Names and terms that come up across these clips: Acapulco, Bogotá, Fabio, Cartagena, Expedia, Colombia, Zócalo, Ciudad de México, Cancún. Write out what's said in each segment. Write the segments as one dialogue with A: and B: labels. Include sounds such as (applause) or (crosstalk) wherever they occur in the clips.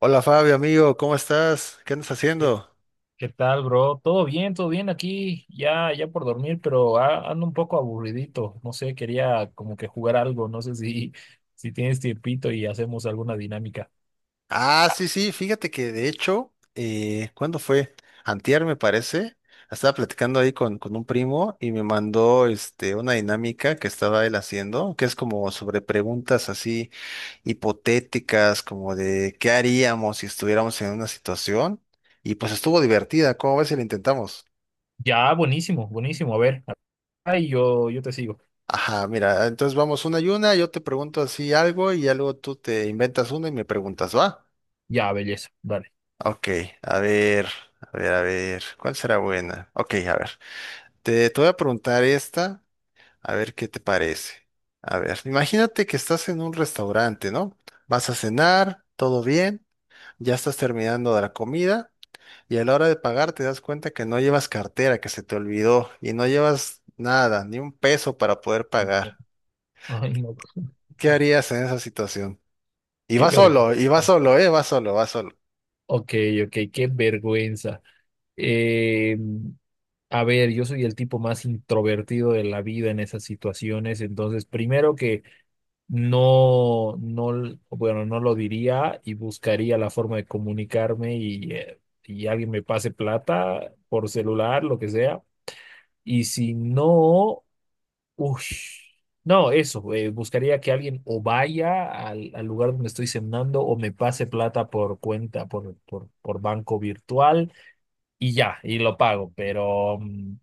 A: Hola Fabio, amigo, ¿cómo estás? ¿Qué andas
B: ¿Qué
A: haciendo?
B: qué tal, bro? Todo bien aquí, ya por dormir, pero ando un poco aburridito. No sé, quería como que jugar algo, no sé si, (laughs) si tienes tiempito y hacemos alguna dinámica.
A: Ah, sí, sí, fíjate que de hecho, ¿cuándo fue? Antier me parece. Estaba platicando ahí con un primo y me mandó una dinámica que estaba él haciendo, que es como sobre preguntas así hipotéticas, como de qué haríamos si estuviéramos en una situación. Y pues estuvo divertida, ¿cómo ves si la intentamos?
B: Ya, buenísimo, buenísimo. A ver, ahí yo te sigo.
A: Ajá, mira, entonces vamos una y una, yo te pregunto así algo y ya luego tú te inventas una y me preguntas, ¿va?
B: Ya, belleza, dale.
A: Ok, a ver, ¿cuál será buena? Ok, a ver, te voy a preguntar esta, a ver qué te parece. A ver, imagínate que estás en un restaurante, ¿no? Vas a cenar, todo bien, ya estás terminando de la comida y a la hora de pagar te das cuenta que no llevas cartera, que se te olvidó y no llevas nada, ni un peso para poder pagar.
B: (laughs) Ay, no,
A: ¿Qué harías en esa situación?
B: qué
A: Y
B: vergüenza.
A: vas solo, ¿eh? Vas solo, vas solo.
B: Ok, ok, qué vergüenza. Eh, a ver, yo soy el tipo más introvertido de la vida en esas situaciones, entonces primero que no, no, bueno, no lo diría y buscaría la forma de comunicarme y alguien me pase plata por celular, lo que sea. Y si no, ush, no, eso, buscaría que alguien o vaya al lugar donde estoy cenando o me pase plata por cuenta, por banco virtual y ya, y lo pago.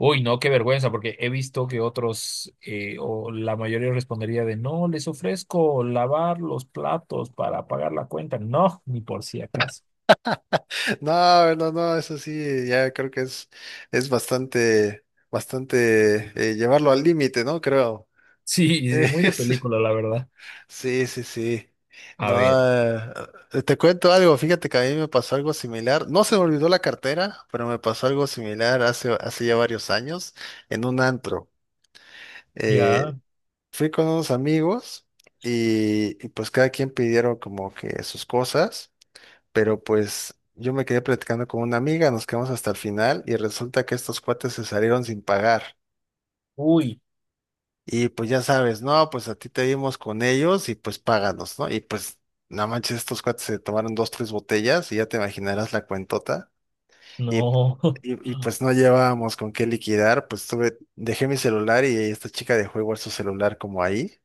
B: Uy, no, qué vergüenza, porque he visto que otros, o la mayoría respondería de, no, les ofrezco lavar los platos para pagar la cuenta. No, ni por si acaso. (laughs)
A: No, no, no, eso sí, ya creo que es bastante, bastante llevarlo al límite, ¿no? Creo. (laughs)
B: Sí, sí, muy de
A: Es-
B: película, la verdad.
A: sí, sí, sí.
B: A
A: No,
B: ver,
A: te cuento algo, fíjate que a mí me pasó algo similar. No se me olvidó la cartera, pero me pasó algo similar hace ya varios años en un antro. Eh,
B: ya,
A: fui con unos amigos y pues cada quien pidieron como que sus cosas, pero pues yo me quedé platicando con una amiga, nos quedamos hasta el final y resulta que estos cuates se salieron sin pagar.
B: uy,
A: Y pues ya sabes, no, pues a ti te vimos con ellos y pues páganos, ¿no? Y pues no manches, estos cuates se tomaron dos, tres botellas y ya te imaginarás la cuentota. Y,
B: no, (laughs)
A: pues no llevábamos con qué liquidar, dejé mi celular y esta chica dejó igual su celular como ahí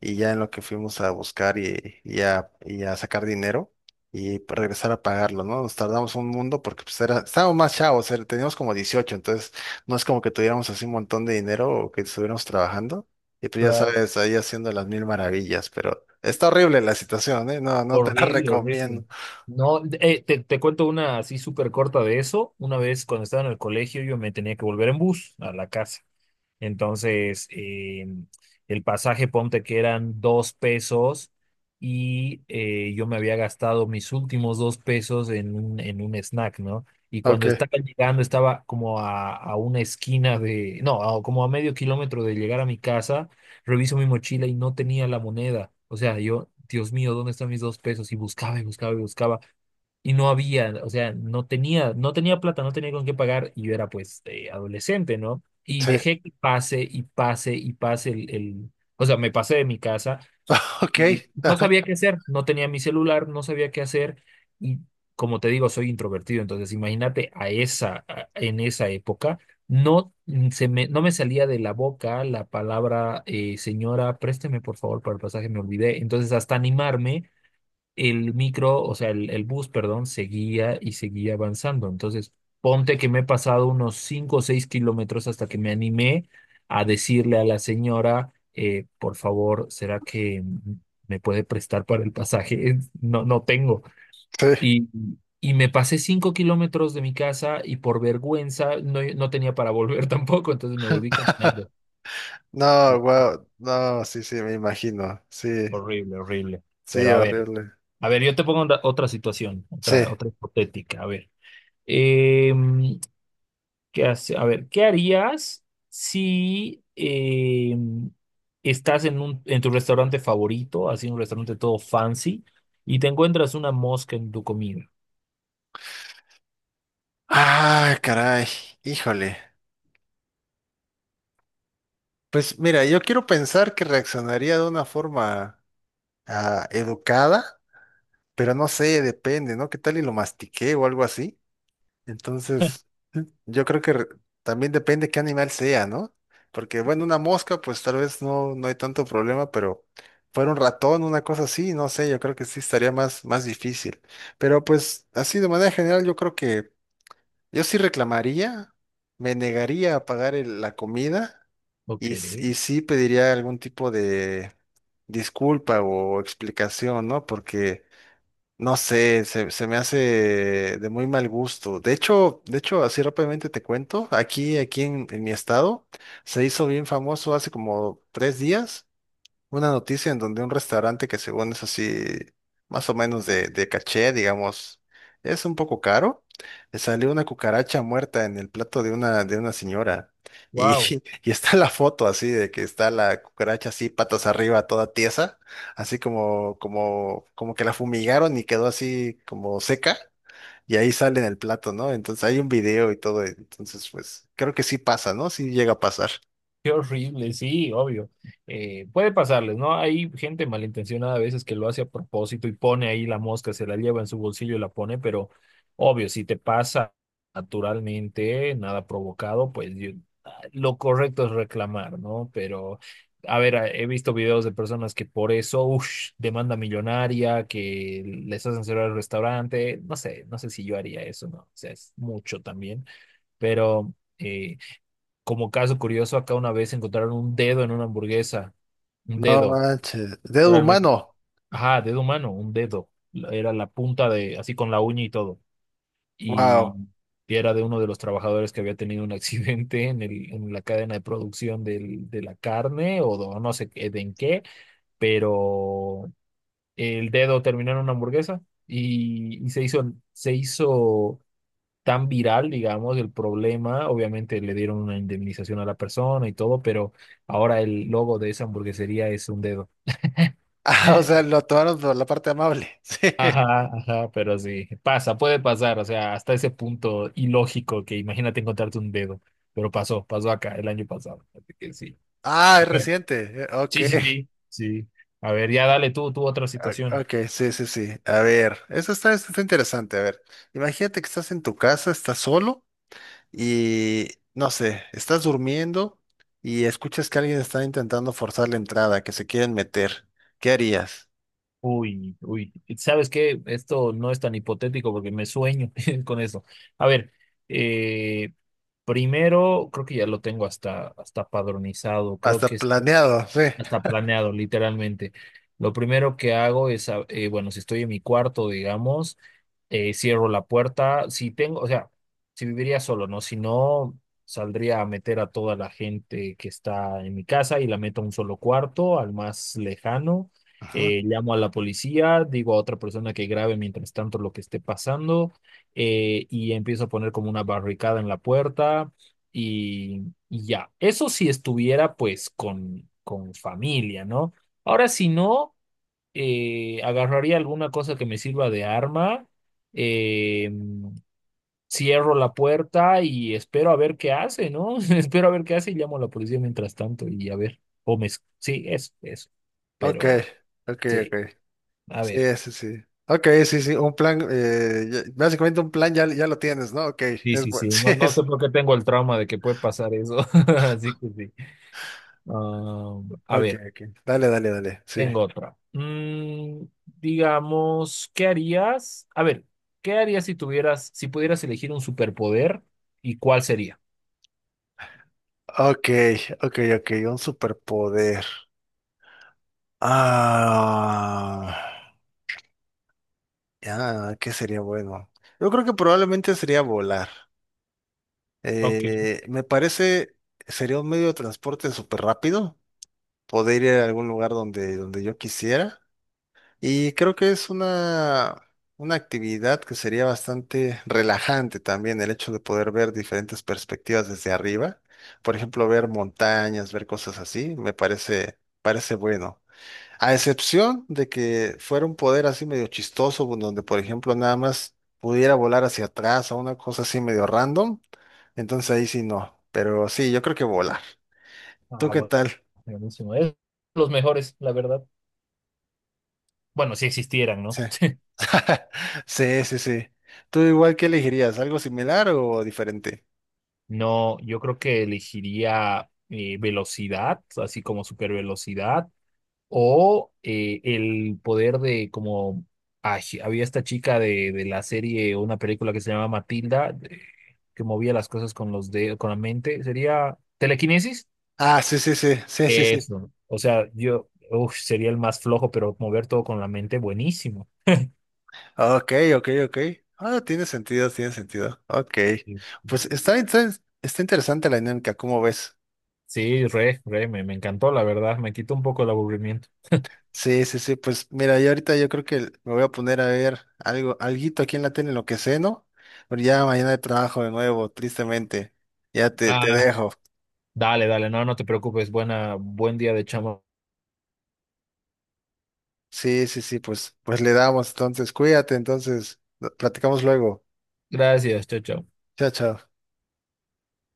A: y ya en lo que fuimos a buscar y a sacar dinero y regresar a pagarlo, ¿no? Nos tardamos un mundo porque estábamos más chavos, teníamos como 18, entonces no es como que tuviéramos así un montón de dinero o que estuviéramos trabajando y pues ya
B: claro.
A: sabes, ahí haciendo las mil maravillas, pero está horrible la situación, ¿eh? No, no te la (laughs)
B: Horrible, horrible.
A: recomiendo.
B: No, te cuento una así súper corta de eso. Una vez cuando estaba en el colegio yo me tenía que volver en bus a la casa. Entonces, el pasaje, ponte que eran 2 pesos y yo me había gastado mis últimos 2 pesos en en un snack, ¿no? Y cuando
A: Ok,
B: estaba llegando, estaba como a una esquina de, no, como a medio kilómetro de llegar a mi casa. Reviso mi mochila y no tenía la moneda. O sea, yo, Dios mío, ¿dónde están mis 2 pesos? Y buscaba y buscaba y buscaba y no había, o sea, no tenía, no tenía plata, no tenía con qué pagar y yo era pues adolescente, ¿no? Y
A: sí,
B: dejé
A: (laughs)
B: que pase y pase y pase o sea, me pasé de mi casa,
A: ok,
B: y no
A: ajá,
B: sabía qué hacer, no tenía mi celular, no sabía qué hacer y como te digo, soy introvertido, entonces imagínate a en esa época no, no me salía de la boca la palabra, señora, présteme por favor para el pasaje, me olvidé. Entonces, hasta animarme, el micro, o sea, el bus, perdón, seguía y seguía avanzando. Entonces, ponte que me he pasado unos 5 o 6 kilómetros hasta que me animé a decirle a la señora, por favor, ¿será que me puede prestar para el pasaje? (laughs) No, no tengo.
A: sí.
B: Y, y me pasé 5 kilómetros de mi casa y por vergüenza no, no tenía para volver (laughs) tampoco, entonces me volví caminando. Y
A: No, wow, no, sí, sí, me imagino, sí,
B: horrible, horrible.
A: sí,
B: Pero
A: horrible,
B: a ver, yo te pongo otra situación,
A: sí.
B: otra hipotética. A ver, em, ¿qué hace? A ver, ¿qué harías si em, estás en tu restaurante favorito, así un restaurante todo fancy, y te encuentras una mosca en tu comida?
A: Ah, caray, híjole. Pues mira, yo quiero pensar que reaccionaría de una forma educada, pero no sé, depende, ¿no? ¿Qué tal y lo mastiqué o algo así? Entonces, yo creo que también depende qué animal sea, ¿no? Porque bueno, una mosca, pues tal vez no hay tanto problema, pero fuera un ratón, una cosa así, no sé, yo creo que sí estaría más, más difícil. Pero pues así de manera general, yo creo que yo sí reclamaría, me negaría a pagar la comida
B: Ok,
A: y sí pediría algún tipo de disculpa o explicación, ¿no? Porque, no sé, se me hace de muy mal gusto. De hecho, así rápidamente te cuento, aquí en mi estado, se hizo bien famoso hace como tres días una noticia en donde un restaurante que según es así, más o menos de caché, digamos, es un poco caro, le salió una cucaracha muerta en el plato de una señora. Y,
B: wow.
A: (laughs) y está la foto así de que está la cucaracha así, patas arriba, toda tiesa, así como que la fumigaron y quedó así como seca, y ahí sale en el plato, ¿no? Entonces hay un video y todo, entonces pues creo que sí pasa, ¿no? Sí llega a pasar.
B: Qué horrible, sí, obvio. Puede pasarles, ¿no? Hay gente malintencionada a veces que lo hace a propósito y pone ahí la mosca, se la lleva en su bolsillo y la pone, pero obvio, si te pasa naturalmente, nada provocado, ah, lo correcto es reclamar, ¿no? Pero, a ver, he visto videos de personas que por eso, uff, demanda millonaria, que les hacen cerrar el restaurante, no sé, no sé si yo haría eso, ¿no? O sea, es mucho también, pero... eh, como caso curioso, acá una vez encontraron un dedo en una hamburguesa. Un
A: No
B: dedo,
A: manches, dedo
B: literalmente.
A: humano.
B: Ajá, dedo humano, un dedo. Era la punta de, así con la uña y todo. Y
A: Wow.
B: era de uno de los trabajadores que había tenido un (laughs) accidente en la cadena de producción de la carne o do- no sé qué- de en qué, pero el dedo terminó en una hamburguesa y se hizo tan viral, digamos, el problema. Obviamente le dieron una indemnización a la persona y todo, pero ahora el logo de esa hamburguesería es un dedo. (laughs)
A: (laughs) Ah, o sea, lo tomaron por la parte amable. (laughs) Sí.
B: Ajá, ajá, pero sí, pasa, puede pasar, o sea, hasta ese punto ilógico que imagínate encontrarte un dedo, pero pasó, pasó acá el año pasado, así que sí.
A: Ah,
B: A
A: es
B: ver,
A: reciente. Ok.
B: sí, sí, sí, sí. A ver, ya dale tú, otra situación.
A: Ok, sí, sí, sí. A ver, eso está interesante. A ver, imagínate que estás en tu casa, estás solo y, no sé, estás durmiendo y escuchas que alguien está intentando forzar la entrada, que se quieren meter. ¿Qué harías?
B: Uy, uy, ¿sabes qué? Esto no es tan hipotético porque me sueño (laughs) con eso. A ver, eh, primero, creo que ya lo tengo hasta, hasta padronizado. Creo que
A: Hasta
B: es
A: planeado, sí.
B: hasta planeado, literalmente. Lo primero que hago es, bueno, si estoy en mi cuarto, digamos, cierro la puerta. Si tengo, o sea, si viviría solo, ¿no? Si no, saldría a meter a toda la gente que está en mi casa y la meto a un solo cuarto, al más lejano.
A: Ajá.
B: Llamo a la policía, digo a otra persona que grabe mientras tanto lo que esté pasando, y empiezo a poner como una barricada en la puerta y ya, eso si estuviera pues con familia, ¿no? Ahora, si no, agarraría alguna cosa que me sirva de arma, eh, cierro la puerta y espero a ver qué hace, ¿no? (laughs) Espero a ver qué hace y llamo a la policía mientras tanto y a ver, sí, eso, eso.
A: Ok,
B: Pero,
A: ok, ok.
B: sí, a ver.
A: Sí, sí, sí. Ok, sí, sí, un plan, básicamente un plan ya, ya lo tienes, ¿no? Ok,
B: Sí,
A: es
B: sí,
A: bueno. (laughs)
B: sí,
A: Sí,
B: no, no sé por qué tengo el trauma de que puede pasar eso, (laughs) así que sí. Ah, a
A: Ok,
B: ver.
A: ok. Dale, dale, dale. Sí.
B: Tengo otra. Mm, digamos, ¿qué harías? A ver, ¿qué harías si tuvieras, si pudieras elegir un superpoder y cuál sería?
A: Ok, ok, ok. Un superpoder. Ah. Ya, ¿qué sería bueno? Yo creo que probablemente sería volar.
B: Ok.
A: Eh, me parece, sería un medio de transporte súper rápido. Poder ir a algún lugar donde yo quisiera. Y creo que es una actividad que sería bastante relajante también el hecho de poder ver diferentes perspectivas desde arriba. Por ejemplo, ver montañas, ver cosas así, parece bueno. A excepción de que fuera un poder así medio chistoso, donde por ejemplo nada más pudiera volar hacia atrás o una cosa así medio random, entonces ahí sí no. Pero sí, yo creo que volar. ¿Tú
B: Ah,
A: qué
B: bueno,
A: tal?
B: buenísimo. Es los mejores, la verdad. Bueno, si existieran, ¿no?
A: Sí. (laughs) Sí, sí, sí. ¿Tú igual qué elegirías? ¿Algo similar o diferente?
B: No, yo creo que elegiría velocidad, así como supervelocidad. O el poder de como ay, sí, había esta chica de la serie o una película que se llamaba Matilda, que movía las cosas con los dedos, con la mente, sería telequinesis.
A: Ah, sí, sí, sí, sí, sí, sí.
B: Eso. O sea, yo uf, sería el más flojo, pero mover todo con la mente, buenísimo.
A: Ok, ok, ok. Ah, tiene sentido, tiene sentido. Ok.
B: Sí,
A: Pues está, está interesante la dinámica, ¿cómo ves?
B: sí, me encantó, la verdad. Me quitó un poco el aburrimiento.
A: Sí, sí, sí. Pues mira, yo creo que me voy a poner a ver algo, alguito aquí en la tele, en lo que sé, ¿no? Pero ya mañana de trabajo de nuevo, tristemente. Ya te
B: Ah,
A: dejo.
B: dale, dale, no, no te preocupes. Buena, buen día de chamo.
A: Sí, sí, sí, pues le damos entonces, cuídate, entonces, platicamos luego.
B: Gracias, chao, chao.
A: Chao, chao.